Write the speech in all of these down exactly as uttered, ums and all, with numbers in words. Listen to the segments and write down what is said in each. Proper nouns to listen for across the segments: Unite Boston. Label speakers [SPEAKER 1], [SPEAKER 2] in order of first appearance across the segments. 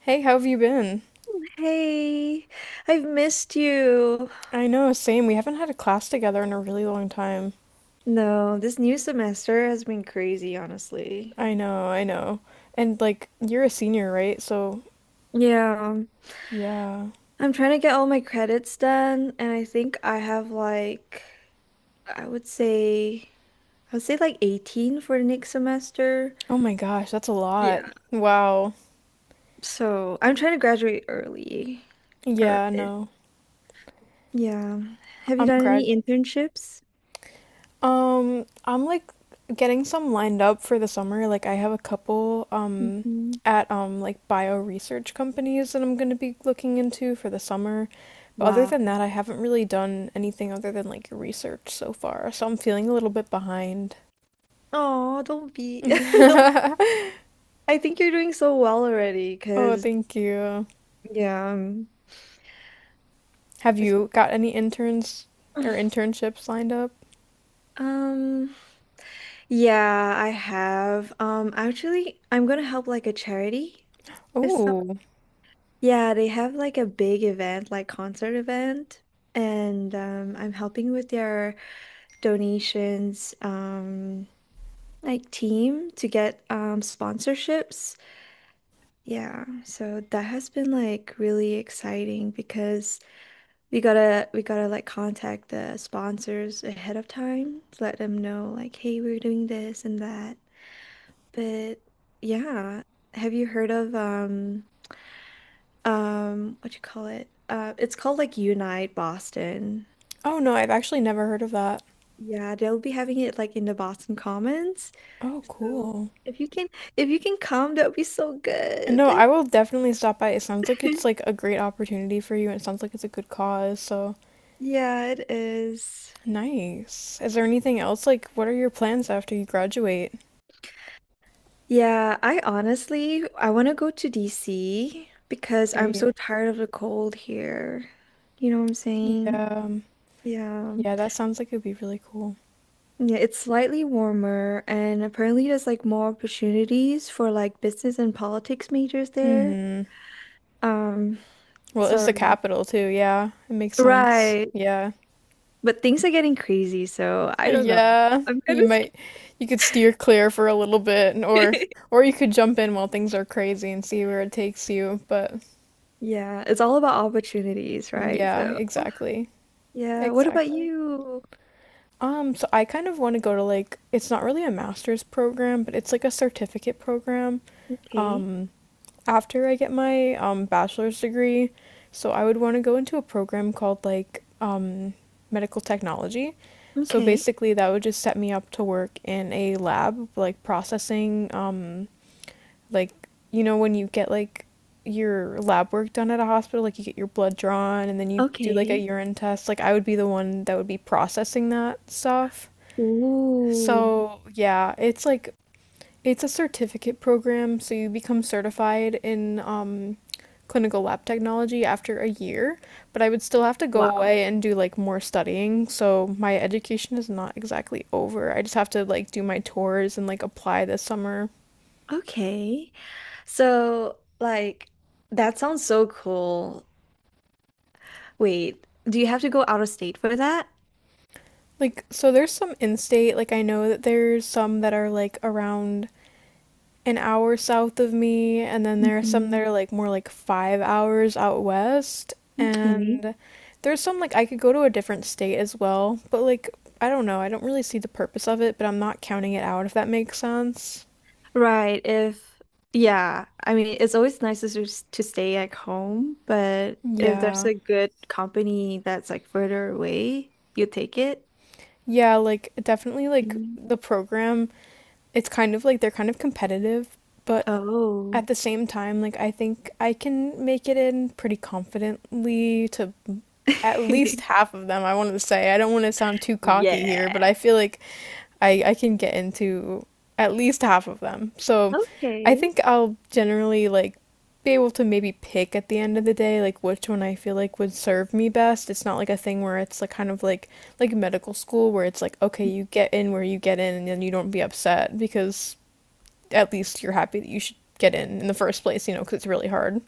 [SPEAKER 1] Hey, how have you been?
[SPEAKER 2] Hey, I've missed you.
[SPEAKER 1] I know, same. We haven't had a class together in a really long time.
[SPEAKER 2] No, this new semester has been crazy, honestly.
[SPEAKER 1] I know, I know. And like, you're a senior, right? So,
[SPEAKER 2] Yeah,
[SPEAKER 1] yeah.
[SPEAKER 2] I'm trying to get all my credits done, and I think I have like, I would say, I would say like eighteen for the next semester.
[SPEAKER 1] Oh my gosh, that's a lot.
[SPEAKER 2] Yeah.
[SPEAKER 1] Wow.
[SPEAKER 2] So I'm trying to graduate early. Or,
[SPEAKER 1] Yeah, no.
[SPEAKER 2] yeah. Have you
[SPEAKER 1] I'm
[SPEAKER 2] done
[SPEAKER 1] grad.
[SPEAKER 2] any internships?
[SPEAKER 1] Um, I'm like getting some lined up for the summer. Like, I have a couple um
[SPEAKER 2] Mhm.
[SPEAKER 1] at um like bio research companies that I'm gonna be looking into for the summer. But other
[SPEAKER 2] Wow.
[SPEAKER 1] than that, I haven't really done anything other than like research so far. So I'm feeling a little bit behind.
[SPEAKER 2] Oh, don't be. Don't. I think you're doing so well already.
[SPEAKER 1] Oh, thank you.
[SPEAKER 2] Yeah. Um,
[SPEAKER 1] Have you got any interns or internships lined up?
[SPEAKER 2] um, yeah, I have. Um, actually, I'm gonna help like a charity this summer.
[SPEAKER 1] Oh,
[SPEAKER 2] Yeah, they have like a big event, like concert event, and um, I'm helping with their donations, um, like team to get um sponsorships. Yeah, so that has been like really exciting because We gotta we gotta like contact the sponsors ahead of time to let them know like, hey, we're doing this and that. But yeah, have you heard of um um what you call it? Uh, it's called like Unite Boston.
[SPEAKER 1] oh no, I've actually never heard of that.
[SPEAKER 2] Yeah, they'll be having it like in the Boston Commons.
[SPEAKER 1] Oh,
[SPEAKER 2] So
[SPEAKER 1] cool.
[SPEAKER 2] if you can if you can come, that would be so
[SPEAKER 1] No,
[SPEAKER 2] good.
[SPEAKER 1] I will definitely stop by. It sounds like it's like a great opportunity for you, and it sounds like it's a good cause, so
[SPEAKER 2] Yeah, it is.
[SPEAKER 1] nice. Is there anything else? Like, what are your plans after you graduate?
[SPEAKER 2] Yeah, I honestly I want to go to D C because I'm
[SPEAKER 1] Great.
[SPEAKER 2] so tired of the cold here. You know what I'm saying?
[SPEAKER 1] Yeah. um,
[SPEAKER 2] Yeah.
[SPEAKER 1] Yeah, that sounds like it'd be really cool.
[SPEAKER 2] Yeah, it's slightly warmer and apparently there's like more opportunities for like business and politics majors there.
[SPEAKER 1] Mm-hmm.
[SPEAKER 2] Um,
[SPEAKER 1] Well, it's
[SPEAKER 2] so
[SPEAKER 1] the capital too, yeah. It makes sense.
[SPEAKER 2] right.
[SPEAKER 1] Yeah.
[SPEAKER 2] But things are getting crazy, so I don't know.
[SPEAKER 1] Yeah,
[SPEAKER 2] I'm kind
[SPEAKER 1] you
[SPEAKER 2] of
[SPEAKER 1] might you could steer clear for a little bit and-
[SPEAKER 2] scared.
[SPEAKER 1] or or you could jump in while things are crazy and see where it takes you, but
[SPEAKER 2] Yeah, it's all about opportunities, right?
[SPEAKER 1] yeah,
[SPEAKER 2] So,
[SPEAKER 1] exactly.
[SPEAKER 2] yeah, what about
[SPEAKER 1] Exactly.
[SPEAKER 2] you?
[SPEAKER 1] Um, so I kind of want to go to like it's not really a master's program, but it's like a certificate program.
[SPEAKER 2] Okay.
[SPEAKER 1] Um, After I get my um, bachelor's degree. So I would want to go into a program called like um, medical technology. So
[SPEAKER 2] Okay.
[SPEAKER 1] basically, that would just set me up to work in a lab, like processing, um, like you know when you get like your lab work done at a hospital, like you get your blood drawn and then you do like a
[SPEAKER 2] Okay.
[SPEAKER 1] urine test. Like I would be the one that would be processing that stuff.
[SPEAKER 2] Ooh,
[SPEAKER 1] So yeah, it's like it's a certificate program, so you become certified in um, clinical lab technology after a year, but I would still have to go
[SPEAKER 2] wow.
[SPEAKER 1] away and do like more studying. So my education is not exactly over. I just have to like do my tours and like apply this summer.
[SPEAKER 2] Okay. So, like, that sounds so cool. Wait, do you have to go out of state for that?
[SPEAKER 1] Like, so there's some in state, like, I know that there's some that are like around an hour south of me, and then there are some that
[SPEAKER 2] Mhm.
[SPEAKER 1] are like more like five hours out west.
[SPEAKER 2] Okay.
[SPEAKER 1] And there's some like I could go to a different state as well, but like I don't know, I don't really see the purpose of it, but I'm not counting it out if that makes sense.
[SPEAKER 2] Right, if Yeah, I mean, it's always nicer to s- to stay at home, but if there's
[SPEAKER 1] Yeah.
[SPEAKER 2] a good company that's like further away, you take it.
[SPEAKER 1] Yeah, like definitely like
[SPEAKER 2] Mm.
[SPEAKER 1] the program, it's kind of like they're kind of competitive, but at
[SPEAKER 2] Oh.
[SPEAKER 1] the same time, like I think I can make it in pretty confidently to at least half of them, I want to say. I don't want to sound too cocky here, but
[SPEAKER 2] Yeah.
[SPEAKER 1] I feel like I I can get into at least half of them. So I
[SPEAKER 2] Okay.
[SPEAKER 1] think I'll generally like be able to maybe pick at the end of the day like which one I feel like would serve me best. It's not like a thing where it's like kind of like like medical school where it's like okay, you get in where you get in and then you don't be upset because at least you're happy that you should get in in the first place, you know, because it's really hard.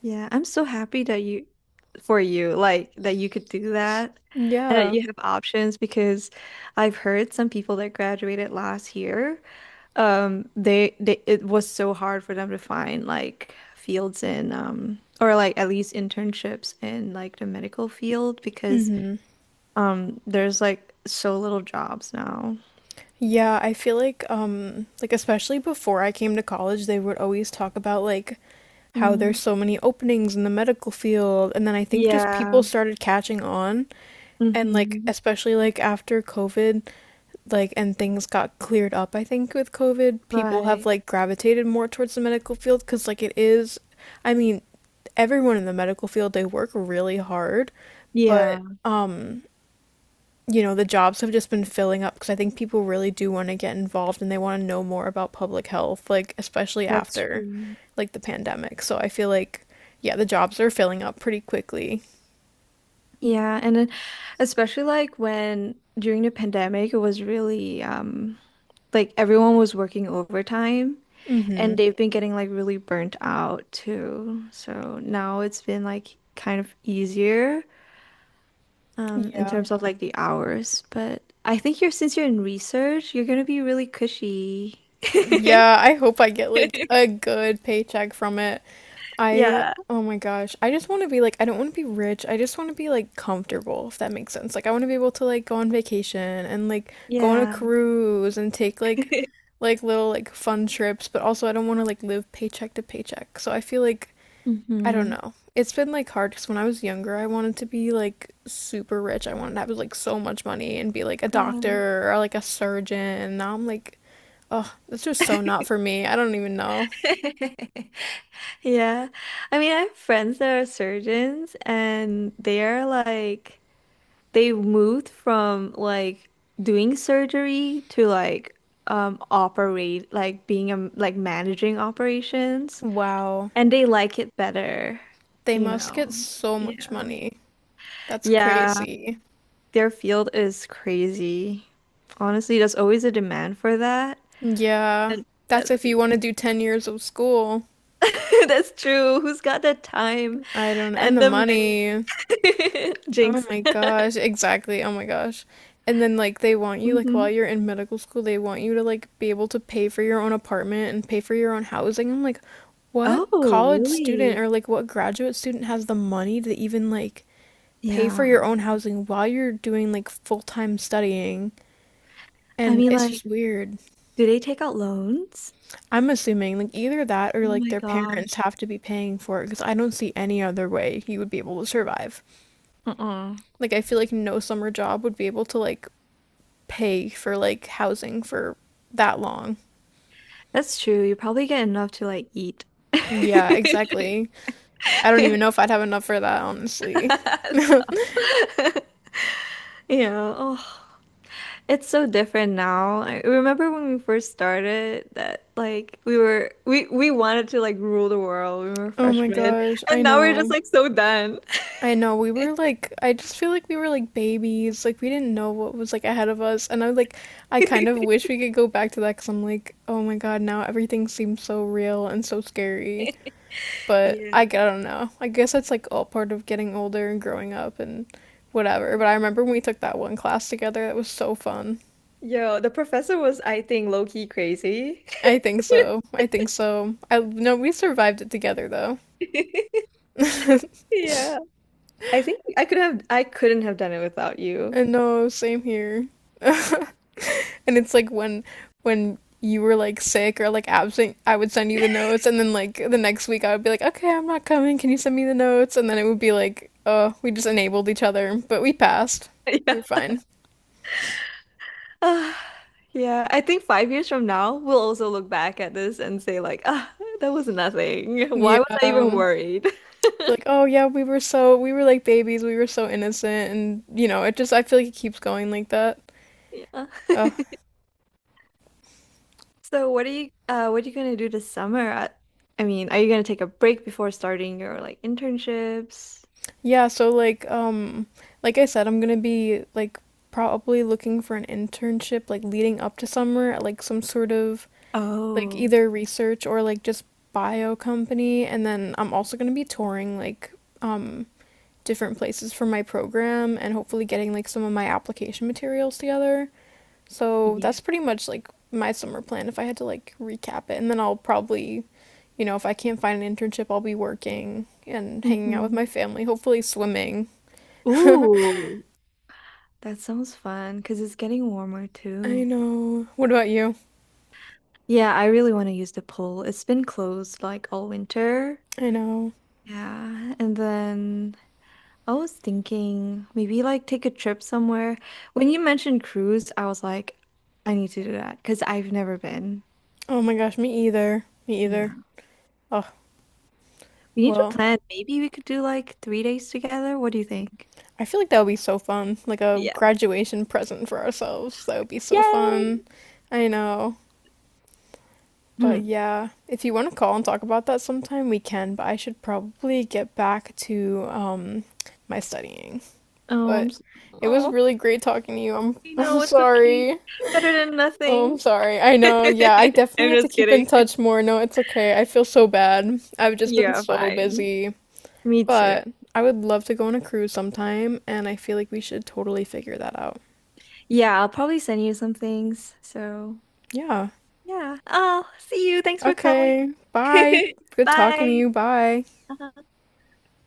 [SPEAKER 2] Yeah, I'm so happy that you for you, like that you could do that and that
[SPEAKER 1] Yeah.
[SPEAKER 2] you have options because I've heard some people that graduated last year, um, they they it was so hard for them to find like fields in um or like at least internships in like the medical field because
[SPEAKER 1] Mm-hmm.
[SPEAKER 2] um there's like so little jobs now.
[SPEAKER 1] Yeah, I feel like um like especially before I came to college, they would always talk about like how
[SPEAKER 2] Mm.
[SPEAKER 1] there's so many openings in the medical field, and then I think just people
[SPEAKER 2] Yeah.
[SPEAKER 1] started catching on. And like
[SPEAKER 2] Mm-hmm.
[SPEAKER 1] especially like after COVID, like and things got cleared up, I think with COVID, people have
[SPEAKER 2] Right.
[SPEAKER 1] like gravitated more towards the medical field cuz like it is. I mean, everyone in the medical field, they work really hard, but
[SPEAKER 2] Yeah,
[SPEAKER 1] um, you know, the jobs have just been filling up because I think people really do want to get involved and they want to know more about public health, like especially
[SPEAKER 2] that's
[SPEAKER 1] after
[SPEAKER 2] true.
[SPEAKER 1] like the pandemic. So I feel like yeah, the jobs are filling up pretty quickly.
[SPEAKER 2] Yeah, and then especially like when during the pandemic, it was really um like everyone was working overtime and
[SPEAKER 1] Mhm.
[SPEAKER 2] they've been getting like really burnt out too. So now it's been like kind of easier um in
[SPEAKER 1] Yeah.
[SPEAKER 2] terms of like the hours, but I think you're since you're in research, you're gonna be really cushy.
[SPEAKER 1] Yeah, I hope I get like a good paycheck from it. I,
[SPEAKER 2] Yeah.
[SPEAKER 1] oh my gosh, I just want to be like, I don't want to be rich. I just want to be like comfortable, if that makes sense. Like, I want to be able to like go on vacation and like go on a
[SPEAKER 2] Yeah.
[SPEAKER 1] cruise and take like like little like fun trips, but also I don't want to like live paycheck to paycheck. So I feel like I don't
[SPEAKER 2] Mm-hmm.
[SPEAKER 1] know. It's been like hard because when I was younger, I wanted to be like super rich. I wanted to have like so much money and be like a
[SPEAKER 2] Yeah.
[SPEAKER 1] doctor or like a surgeon. Now I'm like oh, that's just so not for me. I don't even know.
[SPEAKER 2] Yeah. I mean, I have friends that are surgeons and they are like they moved from like doing surgery to like um operate like being a like managing operations
[SPEAKER 1] Wow.
[SPEAKER 2] and they like it better,
[SPEAKER 1] They
[SPEAKER 2] you
[SPEAKER 1] must get
[SPEAKER 2] know.
[SPEAKER 1] so much
[SPEAKER 2] Yeah.
[SPEAKER 1] money. That's
[SPEAKER 2] Yeah,
[SPEAKER 1] crazy.
[SPEAKER 2] their field is crazy. Honestly, there's always a demand for that.
[SPEAKER 1] Yeah.
[SPEAKER 2] And that,
[SPEAKER 1] That's if you want to do ten years of school.
[SPEAKER 2] that's true. Who's got the time
[SPEAKER 1] I don't, and
[SPEAKER 2] and
[SPEAKER 1] the
[SPEAKER 2] the
[SPEAKER 1] money.
[SPEAKER 2] money?
[SPEAKER 1] Oh
[SPEAKER 2] Jinx.
[SPEAKER 1] my gosh. Exactly. Oh my gosh. And then, like, they want you, like, while
[SPEAKER 2] Hmm.
[SPEAKER 1] you're in medical school, they want you to, like, be able to pay for your own apartment and pay for your own housing. I'm like, what
[SPEAKER 2] Oh,
[SPEAKER 1] college student
[SPEAKER 2] really?
[SPEAKER 1] or, like, what graduate student has the money to even, like, pay for
[SPEAKER 2] Yeah.
[SPEAKER 1] your own housing while you're doing like full-time studying.
[SPEAKER 2] I
[SPEAKER 1] And
[SPEAKER 2] mean,
[SPEAKER 1] it's
[SPEAKER 2] like,
[SPEAKER 1] just weird.
[SPEAKER 2] do they take out loans?
[SPEAKER 1] I'm assuming like either that
[SPEAKER 2] Oh
[SPEAKER 1] or like
[SPEAKER 2] my
[SPEAKER 1] their parents
[SPEAKER 2] gosh.
[SPEAKER 1] have to be paying for it because I don't see any other way you would be able to survive.
[SPEAKER 2] Uh-uh.
[SPEAKER 1] Like I feel like no summer job would be able to like pay for like housing for that long.
[SPEAKER 2] That's true. You probably get enough to like eat.
[SPEAKER 1] Yeah, exactly. I don't even know if I'd have enough for that, honestly.
[SPEAKER 2] Stop. Yeah. Oh, it's so different now. I remember when we first started that like we were we we wanted to like rule the world. We were
[SPEAKER 1] Oh my
[SPEAKER 2] freshmen,
[SPEAKER 1] gosh, I
[SPEAKER 2] and now we're just
[SPEAKER 1] know.
[SPEAKER 2] like so done.
[SPEAKER 1] I know we were like I just feel like we were like babies. Like we didn't know what was like ahead of us. And I like I kind of wish we could go back to that cuz I'm like, "Oh my god, now everything seems so real and so scary." But I, I
[SPEAKER 2] Yeah.
[SPEAKER 1] don't know. I guess that's like all part of getting older and growing up and whatever. But I remember when we took that one class together. That was so fun.
[SPEAKER 2] Yo, the professor was, I think, low-key crazy.
[SPEAKER 1] I think so. I think so. I no, we survived it together though.
[SPEAKER 2] Yeah. I think I could have I couldn't have done it without you.
[SPEAKER 1] And no, same here.
[SPEAKER 2] Yeah.
[SPEAKER 1] And it's like when when you were like sick or like absent, I would send you the notes, and then like the next week I would be like, okay, I'm not coming. Can you send me the notes? And then it would be like, oh, we just enabled each other, but we passed. We
[SPEAKER 2] Yeah.
[SPEAKER 1] were fine.
[SPEAKER 2] Ah, yeah. I think five years from now, we'll also look back at this and say like, ah, that was nothing.
[SPEAKER 1] Yeah.
[SPEAKER 2] Why was I even
[SPEAKER 1] Um,
[SPEAKER 2] worried?
[SPEAKER 1] be like, oh yeah, we were so we were like babies. We were so innocent, and you know, it just I feel like it keeps going like that.
[SPEAKER 2] Yeah.
[SPEAKER 1] Uh,
[SPEAKER 2] So what are you uh what are you gonna do this summer? I, I mean, are you gonna take a break before starting your like internships?
[SPEAKER 1] yeah. So like um, like I said, I'm gonna be like probably looking for an internship like leading up to summer at like some sort of like
[SPEAKER 2] Oh,
[SPEAKER 1] either research or like just bio company and then I'm also going to be touring like um different places for my program and hopefully getting like some of my application materials together. So
[SPEAKER 2] yeah.
[SPEAKER 1] that's pretty much like my summer plan if I had to like recap it and then I'll probably you know if I can't find an internship I'll be working and hanging out with
[SPEAKER 2] Hmm.
[SPEAKER 1] my family, hopefully swimming. I
[SPEAKER 2] Ooh, that sounds fun because it's getting warmer too.
[SPEAKER 1] know. What about you?
[SPEAKER 2] Yeah, I really want to use the pool. It's been closed like all winter.
[SPEAKER 1] I know.
[SPEAKER 2] Yeah, and then I was thinking maybe like take a trip somewhere. When you mentioned cruise, I was like, I need to do that because I've never been.
[SPEAKER 1] Oh my gosh, me either. Me either.
[SPEAKER 2] Yeah.
[SPEAKER 1] Oh,
[SPEAKER 2] We need to
[SPEAKER 1] well,
[SPEAKER 2] plan. Maybe we could do like three days together. What do you think?
[SPEAKER 1] I feel like that would be so fun. Like a
[SPEAKER 2] Yeah.
[SPEAKER 1] graduation present for ourselves. That would be so fun.
[SPEAKER 2] Yay!
[SPEAKER 1] I know. But
[SPEAKER 2] Hmm.
[SPEAKER 1] yeah, if you want to call and talk about that sometime, we can. But I should probably get back to um, my studying.
[SPEAKER 2] Oh, I'm
[SPEAKER 1] But
[SPEAKER 2] s
[SPEAKER 1] it was
[SPEAKER 2] oh,
[SPEAKER 1] really great talking to you. I'm,
[SPEAKER 2] I
[SPEAKER 1] I'm
[SPEAKER 2] know it's okay.
[SPEAKER 1] sorry.
[SPEAKER 2] Better than
[SPEAKER 1] Oh, I'm
[SPEAKER 2] nothing.
[SPEAKER 1] sorry. I know. Yeah, I definitely
[SPEAKER 2] I'm
[SPEAKER 1] have to
[SPEAKER 2] just
[SPEAKER 1] keep in
[SPEAKER 2] kidding.
[SPEAKER 1] touch more. No, it's okay. I feel so bad. I've just been
[SPEAKER 2] Yeah,
[SPEAKER 1] so
[SPEAKER 2] fine.
[SPEAKER 1] busy.
[SPEAKER 2] Me too.
[SPEAKER 1] But I would love to go on a cruise sometime, and I feel like we should totally figure that out.
[SPEAKER 2] Yeah, I'll probably send you some things. So
[SPEAKER 1] Yeah.
[SPEAKER 2] yeah. Oh, see you. Thanks for calling.
[SPEAKER 1] Okay. Bye. Good talking to
[SPEAKER 2] Bye.
[SPEAKER 1] you. Bye.
[SPEAKER 2] Uh-huh.